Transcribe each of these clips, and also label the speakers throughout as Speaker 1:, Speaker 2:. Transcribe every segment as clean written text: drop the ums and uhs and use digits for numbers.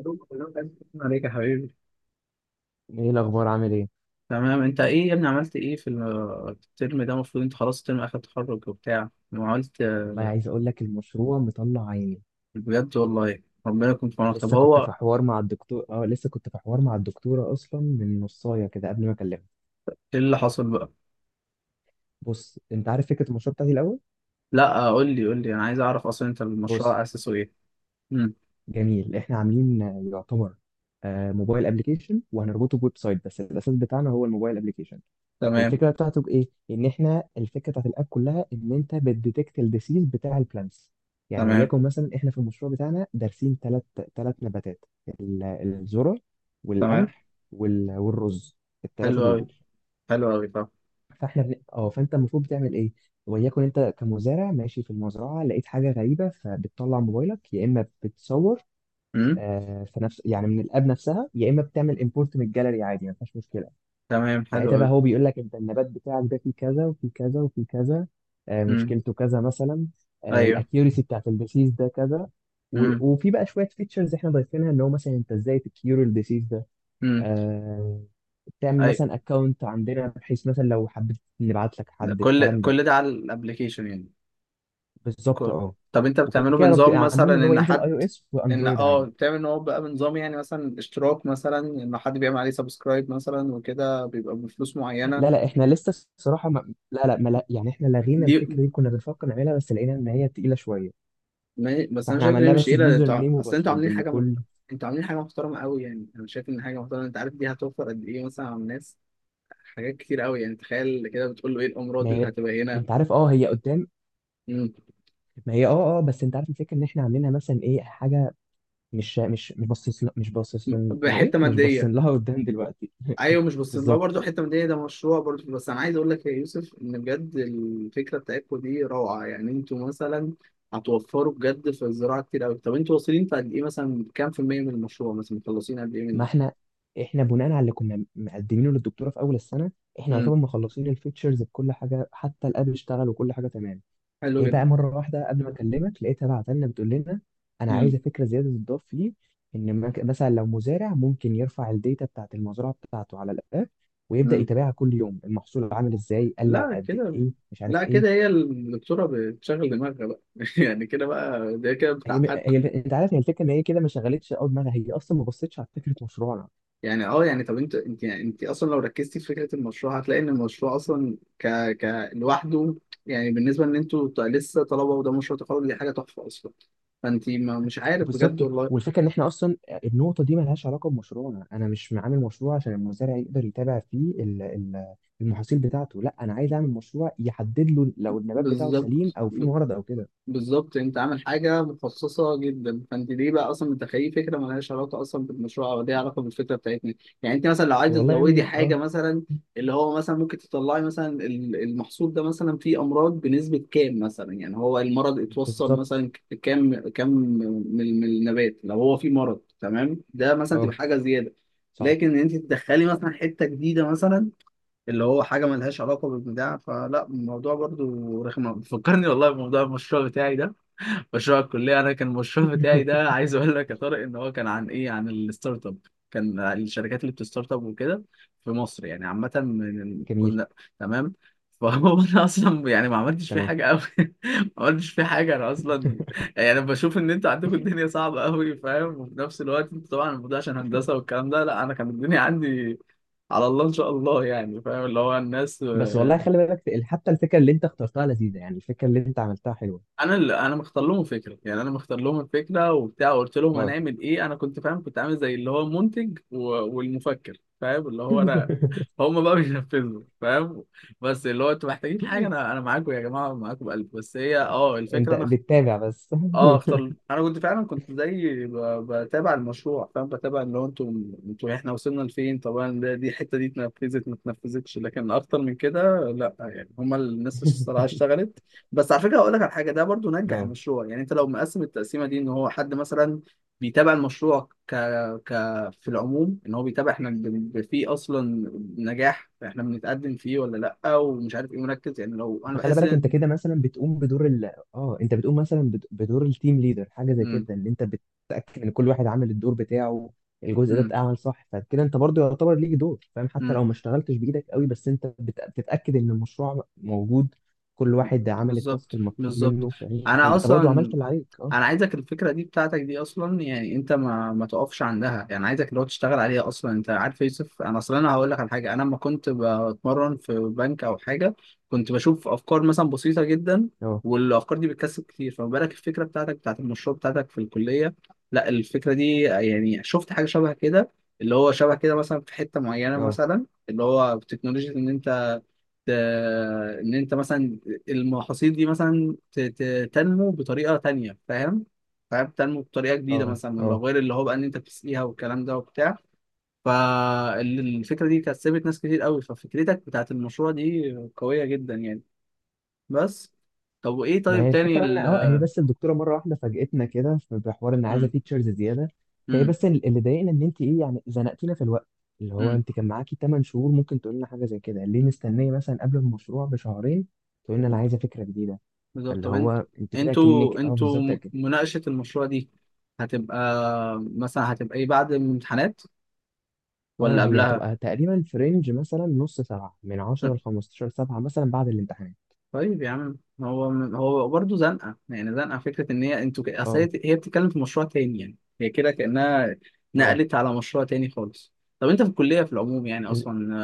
Speaker 1: شكرا عليك، يا حبيبي.
Speaker 2: ايه الاخبار؟ عامل ايه؟
Speaker 1: تمام، انت ايه يا ابني؟ عملت ايه في الترم ده؟ المفروض انت خلاص ترم اخر تخرج وبتاع. ما عملت؟
Speaker 2: والله، عايز اقول لك المشروع مطلع عيني.
Speaker 1: بجد؟ والله ربنا يكون في عونك. طب هو
Speaker 2: لسه كنت في حوار مع الدكتوره اصلا من نصايه كده قبل ما اكلمها.
Speaker 1: ايه اللي حصل بقى؟
Speaker 2: بص، انت عارف فكره المشروع بتاعتي الاول؟
Speaker 1: لا، قول لي قول لي، انا عايز اعرف. اصلا انت
Speaker 2: بص،
Speaker 1: المشروع اسسه ايه؟ امم.
Speaker 2: جميل، احنا عاملين يعتبر موبايل ابلكيشن وهنربطه بويب سايت، بس الاساس بتاعنا هو الموبايل ابلكيشن.
Speaker 1: تمام.
Speaker 2: الفكره بتاعته بايه؟ ان احنا الفكره بتاعت الاب كلها ان انت بتديتكت الديسيز بتاع البلانتس. يعني
Speaker 1: تمام.
Speaker 2: وليكن مثلا احنا في المشروع بتاعنا دارسين ثلاث نباتات، الذره
Speaker 1: تمام،
Speaker 2: والقمح والرز،
Speaker 1: حلو
Speaker 2: الثلاثه
Speaker 1: قوي،
Speaker 2: دول.
Speaker 1: حلو قوي. طب.
Speaker 2: فاحنا بن... اه فانت المفروض بتعمل ايه؟ وليكن انت كمزارع ماشي في المزرعه، لقيت حاجه غريبه، فبتطلع موبايلك، يا اما بتصور،
Speaker 1: امم.
Speaker 2: في نفس يعني، من الاب نفسها، يا اما بتعمل امبورت من الجاليري عادي، ما فيهاش مشكله.
Speaker 1: تمام، حلو
Speaker 2: ساعتها
Speaker 1: قوي.
Speaker 2: بقى هو بيقول لك انت النبات بتاعك ده فيه كذا وفيه كذا وفيه كذا،
Speaker 1: امم.
Speaker 2: مشكلته كذا مثلا،
Speaker 1: ايوه.
Speaker 2: الاكيورسي بتاعت الديسيز ده كذا.
Speaker 1: امم.
Speaker 2: وفي بقى شويه فيتشرز احنا ضايفينها، ان هو مثلا انت ازاي تكيور الديسيز ده،
Speaker 1: امم.
Speaker 2: آه، تعمل
Speaker 1: ايوه.
Speaker 2: مثلا اكونت عندنا بحيث مثلا لو حبيت نبعت لك حد
Speaker 1: كل
Speaker 2: الكلام ده.
Speaker 1: كل ده على الابلكيشن يعني.
Speaker 2: بالظبط،
Speaker 1: كو- طب انت
Speaker 2: وكده
Speaker 1: بتعمله
Speaker 2: كده
Speaker 1: بنظام مثلا،
Speaker 2: عاملينه ان هو
Speaker 1: ان
Speaker 2: ينزل اي
Speaker 1: حد
Speaker 2: او اس
Speaker 1: ان
Speaker 2: واندرويد عادي.
Speaker 1: بتعمل ان هو بقى بنظام، يعني مثلا اشتراك، مثلا ان حد بيعمل عليه سبسكرايب مثلا وكده بيبقى بفلوس معينه.
Speaker 2: لا لا، احنا لسه، الصراحه ما... لا لا ما... لا يعني، احنا لغينا
Speaker 1: دي
Speaker 2: الفكره دي، كنا بنفكر نعملها بس لقينا ان هي تقيله شويه.
Speaker 1: بس انا
Speaker 2: فاحنا
Speaker 1: شايف ان هي
Speaker 2: عملناه
Speaker 1: مش
Speaker 2: بس
Speaker 1: قليله. ده
Speaker 2: بيوزر
Speaker 1: انتوا
Speaker 2: نيم
Speaker 1: اصل انتوا
Speaker 2: وباسورد،
Speaker 1: عاملين
Speaker 2: ان
Speaker 1: حاجه
Speaker 2: كل
Speaker 1: انتوا عاملين حاجه محترمه قوي، يعني انا شايف ان حاجه محترمه. انت عارف، دي هتوفر قد ايه مثلا على الناس؟ حاجات كتير قوي. يعني تخيل كده بتقول له ايه
Speaker 2: ما
Speaker 1: الامراض اللي
Speaker 2: هي...
Speaker 1: هتبقى هنا.
Speaker 2: انت عارف، هي قدام.
Speaker 1: مم.
Speaker 2: ما هي، بس انت عارف الفكره، ان احنا عاملينها مثلا ايه حاجه، مش مش مش باصص ل- مش باصص ل- ايه
Speaker 1: بحته
Speaker 2: مش باصين
Speaker 1: ماديه.
Speaker 2: لها قدام دلوقتي.
Speaker 1: ايوه، مش بس لو
Speaker 2: بالظبط.
Speaker 1: برضه حته من دي، ده مشروع برضه. بس انا عايز اقول لك يا يوسف ان بجد الفكره بتاعتكم دي روعه. يعني انتوا مثلا هتوفروا بجد في الزراعه كتير قوي. طب انتوا واصلين في قد ايه؟ مثلا كام في الميه من المشروع؟ مثلا مخلصين قد ايه
Speaker 2: ما
Speaker 1: منه؟
Speaker 2: احنا بناء على اللي كنا مقدمينه للدكتوره في اول السنه، احنا
Speaker 1: امم.
Speaker 2: يعتبر مخلصين الفيتشرز بكل حاجه، حتى الاب اشتغل وكل حاجه تمام.
Speaker 1: حلو
Speaker 2: هي بقى
Speaker 1: جدا.
Speaker 2: مرة واحدة قبل ما أكلمك لقيتها بعت لنا بتقول لنا أنا
Speaker 1: امم.
Speaker 2: عايزة فكرة زيادة تضاف فيه، مثلا لو مزارع ممكن يرفع الداتا بتاعة المزرعة بتاعته على الآب، ويبدأ
Speaker 1: امم.
Speaker 2: يتابعها كل يوم، المحصول عامل إزاي، قل
Speaker 1: لا،
Speaker 2: قد
Speaker 1: كده.
Speaker 2: إيه، مش
Speaker 1: لا،
Speaker 2: عارف إيه.
Speaker 1: كده هي الدكتوره بتشغل دماغها بقى. يعني كده بقى، ده كده
Speaker 2: هي,
Speaker 1: بتاع.
Speaker 2: هي أنت عارف، هي الفكرة إن هي كده ما شغلتش أول دماغها، هي أصلا ما بصتش على فكرة مشروعنا.
Speaker 1: يعني يعني، طب انت يعني انت اصلا لو ركزتي في فكره المشروع هتلاقي ان المشروع اصلا لوحده. يعني بالنسبه ان انتوا لسه طلبه، وده مشروع تخرج، دي حاجه تحفه اصلا. فانت ما مش عارف، بجد
Speaker 2: بالظبط.
Speaker 1: والله.
Speaker 2: والفكره ان احنا اصلا، النقطه دي ملهاش علاقه بمشروعنا، انا مش عامل مشروع عشان المزارع يقدر يتابع فيه المحاصيل بتاعته، لا انا عايز اعمل مشروع يحدد له لو النبات بتاعه سليم
Speaker 1: بالظبط،
Speaker 2: او فيه مرض او كده.
Speaker 1: بالظبط. انت عامل حاجه مخصصه جدا. فانت ليه بقى اصلا متخيل فكره مالهاش علاقه اصلا بالمشروع او ليها علاقه بالفكره بتاعتنا؟ يعني انت مثلا لو عايزه
Speaker 2: والله يا
Speaker 1: تزودي
Speaker 2: ابني،
Speaker 1: حاجه
Speaker 2: اه.
Speaker 1: مثلا، اللي هو مثلا ممكن تطلعي مثلا المحصول ده مثلا فيه امراض بنسبه كام، مثلا يعني هو المرض اتوصل
Speaker 2: بالظبط،
Speaker 1: مثلا كام من النبات، لو هو فيه مرض، تمام؟ ده مثلا تبقى
Speaker 2: اه.
Speaker 1: حاجه زياده.
Speaker 2: صح.
Speaker 1: لكن انت تدخلي مثلا حته جديده مثلا، اللي هو حاجه ملهاش علاقه بالبتاع. فلا، الموضوع برضو رخم، بيفكرني والله بموضوع المشروع بتاعي ده، مشروع الكليه. انا كان المشروع بتاعي ده، عايز اقول لك يا طارق، ان هو كان عن ايه؟ عن الستارت اب. كان الشركات اللي بتستارت اب وكده في مصر، يعني عامه.
Speaker 2: جميل،
Speaker 1: كنا تمام. فهو انا اصلا يعني ما عملتش فيه
Speaker 2: تمام.
Speaker 1: حاجه قوي. ما عملتش فيه حاجه انا اصلا. يعني بشوف ان انتوا عندكم الدنيا صعبه قوي، فاهم؟ وفي نفس الوقت انتوا طبعا الموضوع عشان هندسه والكلام ده. لا انا كان الدنيا عندي على الله ان شاء الله، يعني فاهم اللي هو الناس.
Speaker 2: بس والله خلي بالك، حتى الفكره اللي انت اخترتها لذيذه، يعني الفكره اللي انت عملتها حلوه.
Speaker 1: انا مختار لهم الفكره، يعني انا مختار لهم الفكره وبتاع. وقلت لهم
Speaker 2: اه.
Speaker 1: هنعمل ايه. انا كنت فاهم، كنت عامل زي اللي هو المنتج والمفكر، فاهم اللي هو انا. هم بقى بينفذوا، فاهم؟ بس اللي هو انتوا محتاجين حاجه، انا معاكم يا جماعه، معاكم بقلب، بس هي
Speaker 2: انت
Speaker 1: الفكره انا.
Speaker 2: بتتابع بس.
Speaker 1: اه، اختار. انا كنت فعلا، كنت زي بتابع المشروع، فاهم؟ بتابع اللي هو انتوا احنا وصلنا لفين. طبعا ده الحته دي اتنفذت ما اتنفذتش، لكن اكتر من كده لا. يعني هما الناس الصراحه اشتغلت. بس على فكره، هقول لك على حاجه. ده برضو نجح
Speaker 2: اه.
Speaker 1: المشروع. يعني انت لو مقسم التقسيمه دي، ان هو حد مثلا بيتابع المشروع ك في العموم ان هو بيتابع، احنا فيه اصلا نجاح احنا بنتقدم فيه ولا؟ لا، ومش عارف ايه، مركز يعني، لو انا
Speaker 2: فخلي
Speaker 1: بحس
Speaker 2: بالك،
Speaker 1: ان.
Speaker 2: انت كده مثلا بتقوم بدور ال اه انت بتقوم مثلا بدور التيم ليدر، حاجه زي كده، ان انت بتتاكد ان كل واحد عامل الدور بتاعه، الجزء ده
Speaker 1: مم.
Speaker 2: اتعمل صح، فكده انت برضو يعتبر ليك دور، فاهم؟ حتى
Speaker 1: مم.
Speaker 2: لو ما اشتغلتش بايدك قوي، بس انت بتتاكد ان المشروع موجود، كل واحد عمل التاسك
Speaker 1: بالظبط،
Speaker 2: المطلوب
Speaker 1: بالظبط.
Speaker 2: منه، فاهم؟
Speaker 1: انا
Speaker 2: فانت برضو
Speaker 1: اصلا
Speaker 2: عملت اللي عليك، اه.
Speaker 1: انا عايزك الفكره دي بتاعتك دي اصلا، يعني انت ما تقفش عندها. يعني عايزك اللي هو تشتغل عليها اصلا. انت عارف يا يوسف، انا اصلا انا هقول لك على حاجه. انا لما كنت بتمرن في بنك او حاجه كنت بشوف افكار مثلا بسيطه جدا،
Speaker 2: اه،
Speaker 1: والافكار دي بتكسب كتير. فما بالك الفكره بتاعتك بتاعت المشروع بتاعتك في الكليه؟ لا، الفكره دي يعني شفت حاجه شبه كده، اللي هو شبه كده مثلا في حته معينه،
Speaker 2: اه،
Speaker 1: مثلا اللي هو تكنولوجيا، ان انت ان انت مثلا المحاصيل دي مثلا تنمو بطريقه تانية، فاهم؟ فاهم تنمو بطريقه جديده،
Speaker 2: اه،
Speaker 1: مثلا من
Speaker 2: اه.
Speaker 1: لو غير اللي هو بقى ان انت بتسقيها والكلام ده وبتاع. فالفكره دي كسبت ناس كتير قوي. ففكرتك بتاعت المشروع دي قويه جدا يعني. بس طب، وايه؟
Speaker 2: ما هي
Speaker 1: طيب تاني
Speaker 2: الفكره ان، هي بس الدكتوره مره واحده فاجئتنا كده في بحوار ان عايزه
Speaker 1: مم.
Speaker 2: فيتشرز زياده. فهي
Speaker 1: مم.
Speaker 2: بس، اللي ضايقنا ان انت ايه، يعني زنقتينا في الوقت، اللي هو
Speaker 1: مم.
Speaker 2: انت كان معاكي 8 شهور، ممكن تقول لنا حاجه زي كده، ليه مستنيه مثلا قبل المشروع بشهرين تقول لنا انا
Speaker 1: مم.
Speaker 2: عايزه فكره جديده؟
Speaker 1: بالظبط،
Speaker 2: فاللي
Speaker 1: طب انت
Speaker 2: هو انت كده كأنك،
Speaker 1: انتوا انتوا
Speaker 2: بالظبط كده.
Speaker 1: مناقشه المشروع دي هتبقى مثلا هتبقى ايه بعد الامتحانات؟
Speaker 2: اه،
Speaker 1: ولا
Speaker 2: هي
Speaker 1: قبلها؟
Speaker 2: هتبقى تقريبا في رينج، مثلا نص سبعه من 10 ل 15 سبعه مثلا بعد الامتحان.
Speaker 1: طيب يا عم، هو من هو برضه زنقه. يعني زنقه فكره، ان هي انتوا اصل هي
Speaker 2: اه،
Speaker 1: هي بتتكلم في مشروع تاني، يعني هي كده كانها
Speaker 2: اه.
Speaker 1: نقلت على مشروع تاني خالص. طب انت في الكليه في العموم يعني اصلا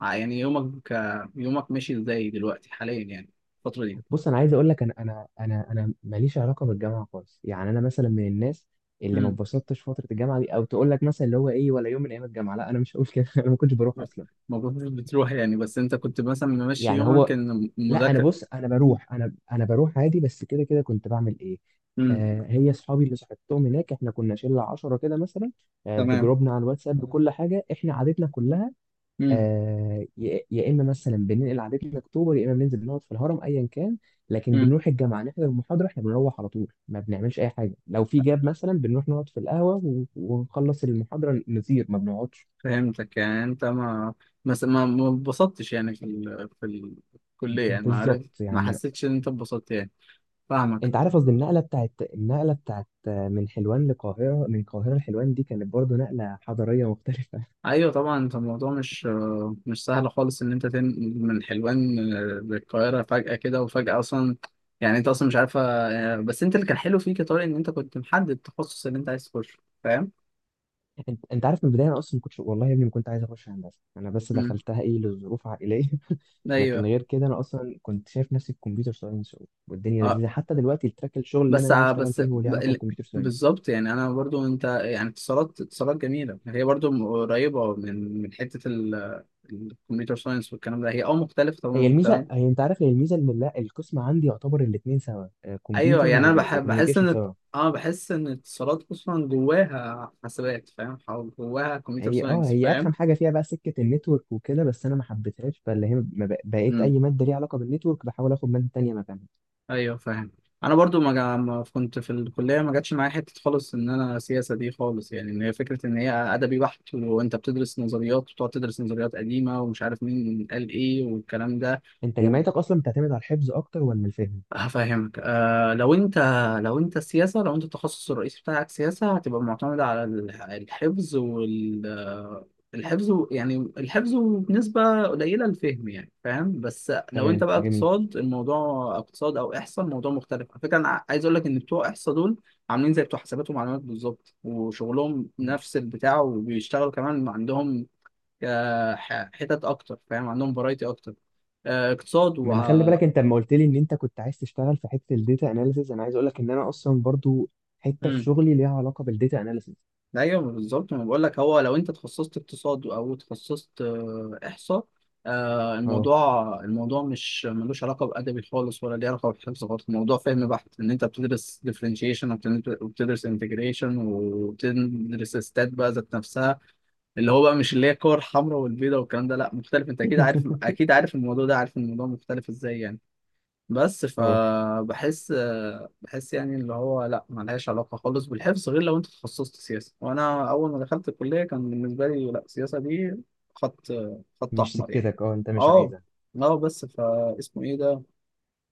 Speaker 1: يعني يومك، يومك ماشي ازاي دلوقتي حاليا، يعني الفتره دي؟
Speaker 2: بص، انا عايز اقول لك، انا انا ماليش علاقه بالجامعه خالص، يعني انا مثلا من الناس اللي ما
Speaker 1: امم.
Speaker 2: اتبسطتش فتره الجامعه دي، او تقول لك مثلا اللي هو ايه ولا يوم من ايام الجامعه، لا انا مش هقول كده. انا ما كنتش بروح اصلا،
Speaker 1: المفروض مش بتروح، يعني بس انت كنت مثلا ممشي
Speaker 2: يعني
Speaker 1: يومك
Speaker 2: هو.
Speaker 1: ان
Speaker 2: لا انا،
Speaker 1: مذاكره؟
Speaker 2: بص انا بروح، انا بروح عادي، بس كده كده كنت بعمل ايه؟
Speaker 1: امم.
Speaker 2: آه، هي اصحابي اللي صاحبتهم هناك، احنا كنا شله 10 كده مثلا، آه،
Speaker 1: تمام.
Speaker 2: بجروبنا على الواتساب بكل حاجه، احنا عادتنا كلها. آه، يا اما مثلا بننقل عادتنا اكتوبر، يا اما بننزل نقعد في الهرم، ايا كان. لكن
Speaker 1: امم.
Speaker 2: بنروح الجامعه نحضر المحاضره، احنا بنروح على طول، ما بنعملش اي حاجه، لو في جاب مثلا بنروح نقعد في القهوه، ونخلص المحاضره نطير، ما بنقعدش.
Speaker 1: فهمتك، يعني انت ما اتبسطتش، يعني في في الكلية، يعني ما عرفت،
Speaker 2: بالظبط
Speaker 1: ما
Speaker 2: يعني.
Speaker 1: حسيتش ان انت اتبسطت يعني. فاهمك.
Speaker 2: انت عارف قصدي، النقله بتاعت من حلوان لقاهره، من القاهره لحلوان، دي كانت برضو نقله حضاريه مختلفه.
Speaker 1: ايوه طبعا، انت الموضوع مش مش سهل خالص ان انت تنقل من حلوان للقاهرة فجأة كده، وفجأة اصلا يعني انت اصلا مش عارفة. بس انت اللي كان حلو فيك يا طارق، ان انت كنت محدد التخصص اللي انت عايز تخشه. فاهم؟
Speaker 2: انت عارف من البدايه، انا اصلا ما كنتش والله يا ابني ما كنت عايز اخش هندسه، انا بس
Speaker 1: امم.
Speaker 2: دخلتها لظروف عائليه. لكن
Speaker 1: ايوه.
Speaker 2: غير كده، انا اصلا كنت شايف نفسي في كمبيوتر ساينس، والدنيا
Speaker 1: اه،
Speaker 2: لذيذه، حتى دلوقتي التراك، الشغل اللي انا
Speaker 1: بس
Speaker 2: ناوي
Speaker 1: ع-
Speaker 2: اشتغل
Speaker 1: بس
Speaker 2: فيه هو ليه
Speaker 1: ب-
Speaker 2: علاقه
Speaker 1: ال-
Speaker 2: بالكمبيوتر ساينس.
Speaker 1: بالظبط، يعني انا برضو انت يعني اتصالات، اتصالات جميله. هي برضو قريبه من حته الكمبيوتر ساينس والكلام ده. هي مختلفه
Speaker 2: هي
Speaker 1: تمام
Speaker 2: الميزه،
Speaker 1: تمام.
Speaker 2: انت عارف، هي الميزه ان، لا، القسم عندي يعتبر الاثنين سوا،
Speaker 1: ايوه،
Speaker 2: كمبيوتر
Speaker 1: يعني انا بحس
Speaker 2: وكوميونيكيشن
Speaker 1: ان
Speaker 2: سوا.
Speaker 1: اه، بحس ان اتصالات اصلا جواها حاسبات، فاهم؟ أو جواها كمبيوتر
Speaker 2: هي اه
Speaker 1: ساينس،
Speaker 2: هي
Speaker 1: فاهم؟
Speaker 2: ارخم حاجه فيها بقى سكه النتورك وكده، بس انا ما حبيتهاش، فاللي هي ما بق- بقيت
Speaker 1: إمم.
Speaker 2: اي ماده ليها علاقه بالنتورك بحاول اخد ماده تانيه مكانها.
Speaker 1: ايوه، فاهم. انا برضو ما كنت في الكليه، ما جاتش معايا حته خالص ان انا سياسه دي خالص، يعني ان هي فكره ان هي ادبي بحت، وانت بتدرس نظريات وتقعد تدرس نظريات قديمه ومش عارف مين قال ايه والكلام ده.
Speaker 2: انت جامعتك اصلا بتعتمد على الحفظ اكتر ولا الفهم؟
Speaker 1: هفهمك، لو انت لو انت السياسة لو انت التخصص الرئيسي بتاعك سياسة، هتبقى معتمدة على الحفظ وال الحفظ يعني الحفظ بنسبة قليلة، الفهم يعني فاهم. بس لو انت
Speaker 2: تمام،
Speaker 1: بقى
Speaker 2: جميل.
Speaker 1: اقتصاد، الموضوع اقتصاد او احصاء، الموضوع مختلف على فكرة. انا عايز اقول لك ان بتوع احصاء دول عاملين زي بتوع حسابات ومعلومات بالظبط، وشغلهم نفس البتاع وبيشتغلوا كمان. عندهم حتت اكتر، فاهم؟ عندهم فرايتي اكتر، اقتصاد و
Speaker 2: ما انا خلي بالك، انت لما قلت لي ان انت كنت عايز تشتغل في حته الداتا اناليسز، انا عايز اقول لك ان انا اصلا برضو حته في
Speaker 1: مم.
Speaker 2: شغلي ليها علاقه بالداتا اناليسز.
Speaker 1: ايوه بالظبط، ما بقول لك. هو لو انت تخصصت اقتصاد او تخصصت احصاء،
Speaker 2: اه.
Speaker 1: الموضوع مش ملوش علاقه بادبي خالص ولا ليه علاقه بالحفظ خالص. الموضوع فهم بحت، ان انت بتدرس ديفرنشيشن وبتدرس انتجريشن وبتدرس ستات بقى ذات نفسها، اللي هو بقى مش اللي هي الكور الحمراء والبيضاء والكلام ده. لا مختلف، انت اكيد عارف، اكيد عارف الموضوع ده، عارف الموضوع مختلف ازاي يعني. بس
Speaker 2: اه،
Speaker 1: فبحس، بحس يعني اللي هو لا، ملهاش علاقة خالص بالحفظ غير لو انت تخصصت سياسة. وانا اول ما دخلت الكلية كان بالنسبة لي، لا، السياسة دي خط خط
Speaker 2: مش
Speaker 1: احمر يعني.
Speaker 2: سكتك، اه، انت مش
Speaker 1: اه.
Speaker 2: عايزها.
Speaker 1: اه، بس فاسمه ايه ده؟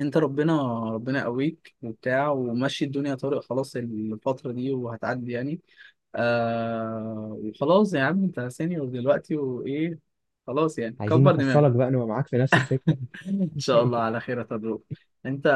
Speaker 1: انت ربنا ربنا قويك وبتاع، ومشي الدنيا طارق. خلاص الفترة دي وهتعدي يعني. وخلاص يا عم، انت سينيور دلوقتي وايه. خلاص يعني
Speaker 2: عايزين
Speaker 1: كبر دماغك.
Speaker 2: نحصلك بقى، نبقى معاك في نفس السكه.
Speaker 1: ان شاء الله على خير يا طارق. انت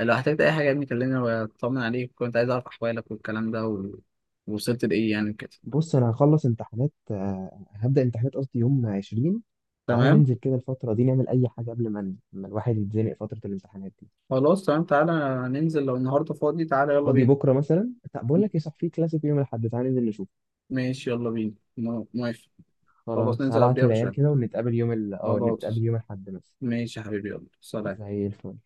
Speaker 1: لو احتجت اي حاجه يا ابني كلمني واطمن عليك. كنت عايز اعرف احوالك والكلام ده ووصلت لايه يعني كده؟
Speaker 2: بص، انا هخلص امتحانات آه، هبدا امتحانات، قصدي، يوم 20. تعالى
Speaker 1: تمام.
Speaker 2: ننزل كده الفتره دي نعمل اي حاجه، قبل ما الواحد يتزنق فتره الامتحانات دي.
Speaker 1: خلاص، تمام، تعالى ننزل لو النهارده فاضي، تعالى يلا
Speaker 2: فاضي
Speaker 1: بينا.
Speaker 2: بكره مثلا؟ طب بقول لك ايه، صح، في كلاسيك يوم الاحد، تعالى ننزل نشوف.
Speaker 1: ماشي، يلا بينا، موافق. خلاص،
Speaker 2: خلاص،
Speaker 1: ننزل
Speaker 2: هبعت
Speaker 1: قبلها
Speaker 2: للعيال
Speaker 1: بشويه.
Speaker 2: كده، ونتقابل يوم ال... اه
Speaker 1: خلاص.
Speaker 2: نتقابل يوم الاحد مثلا.
Speaker 1: ماشي يا حبيبي، يلا سلام.
Speaker 2: زي الفل.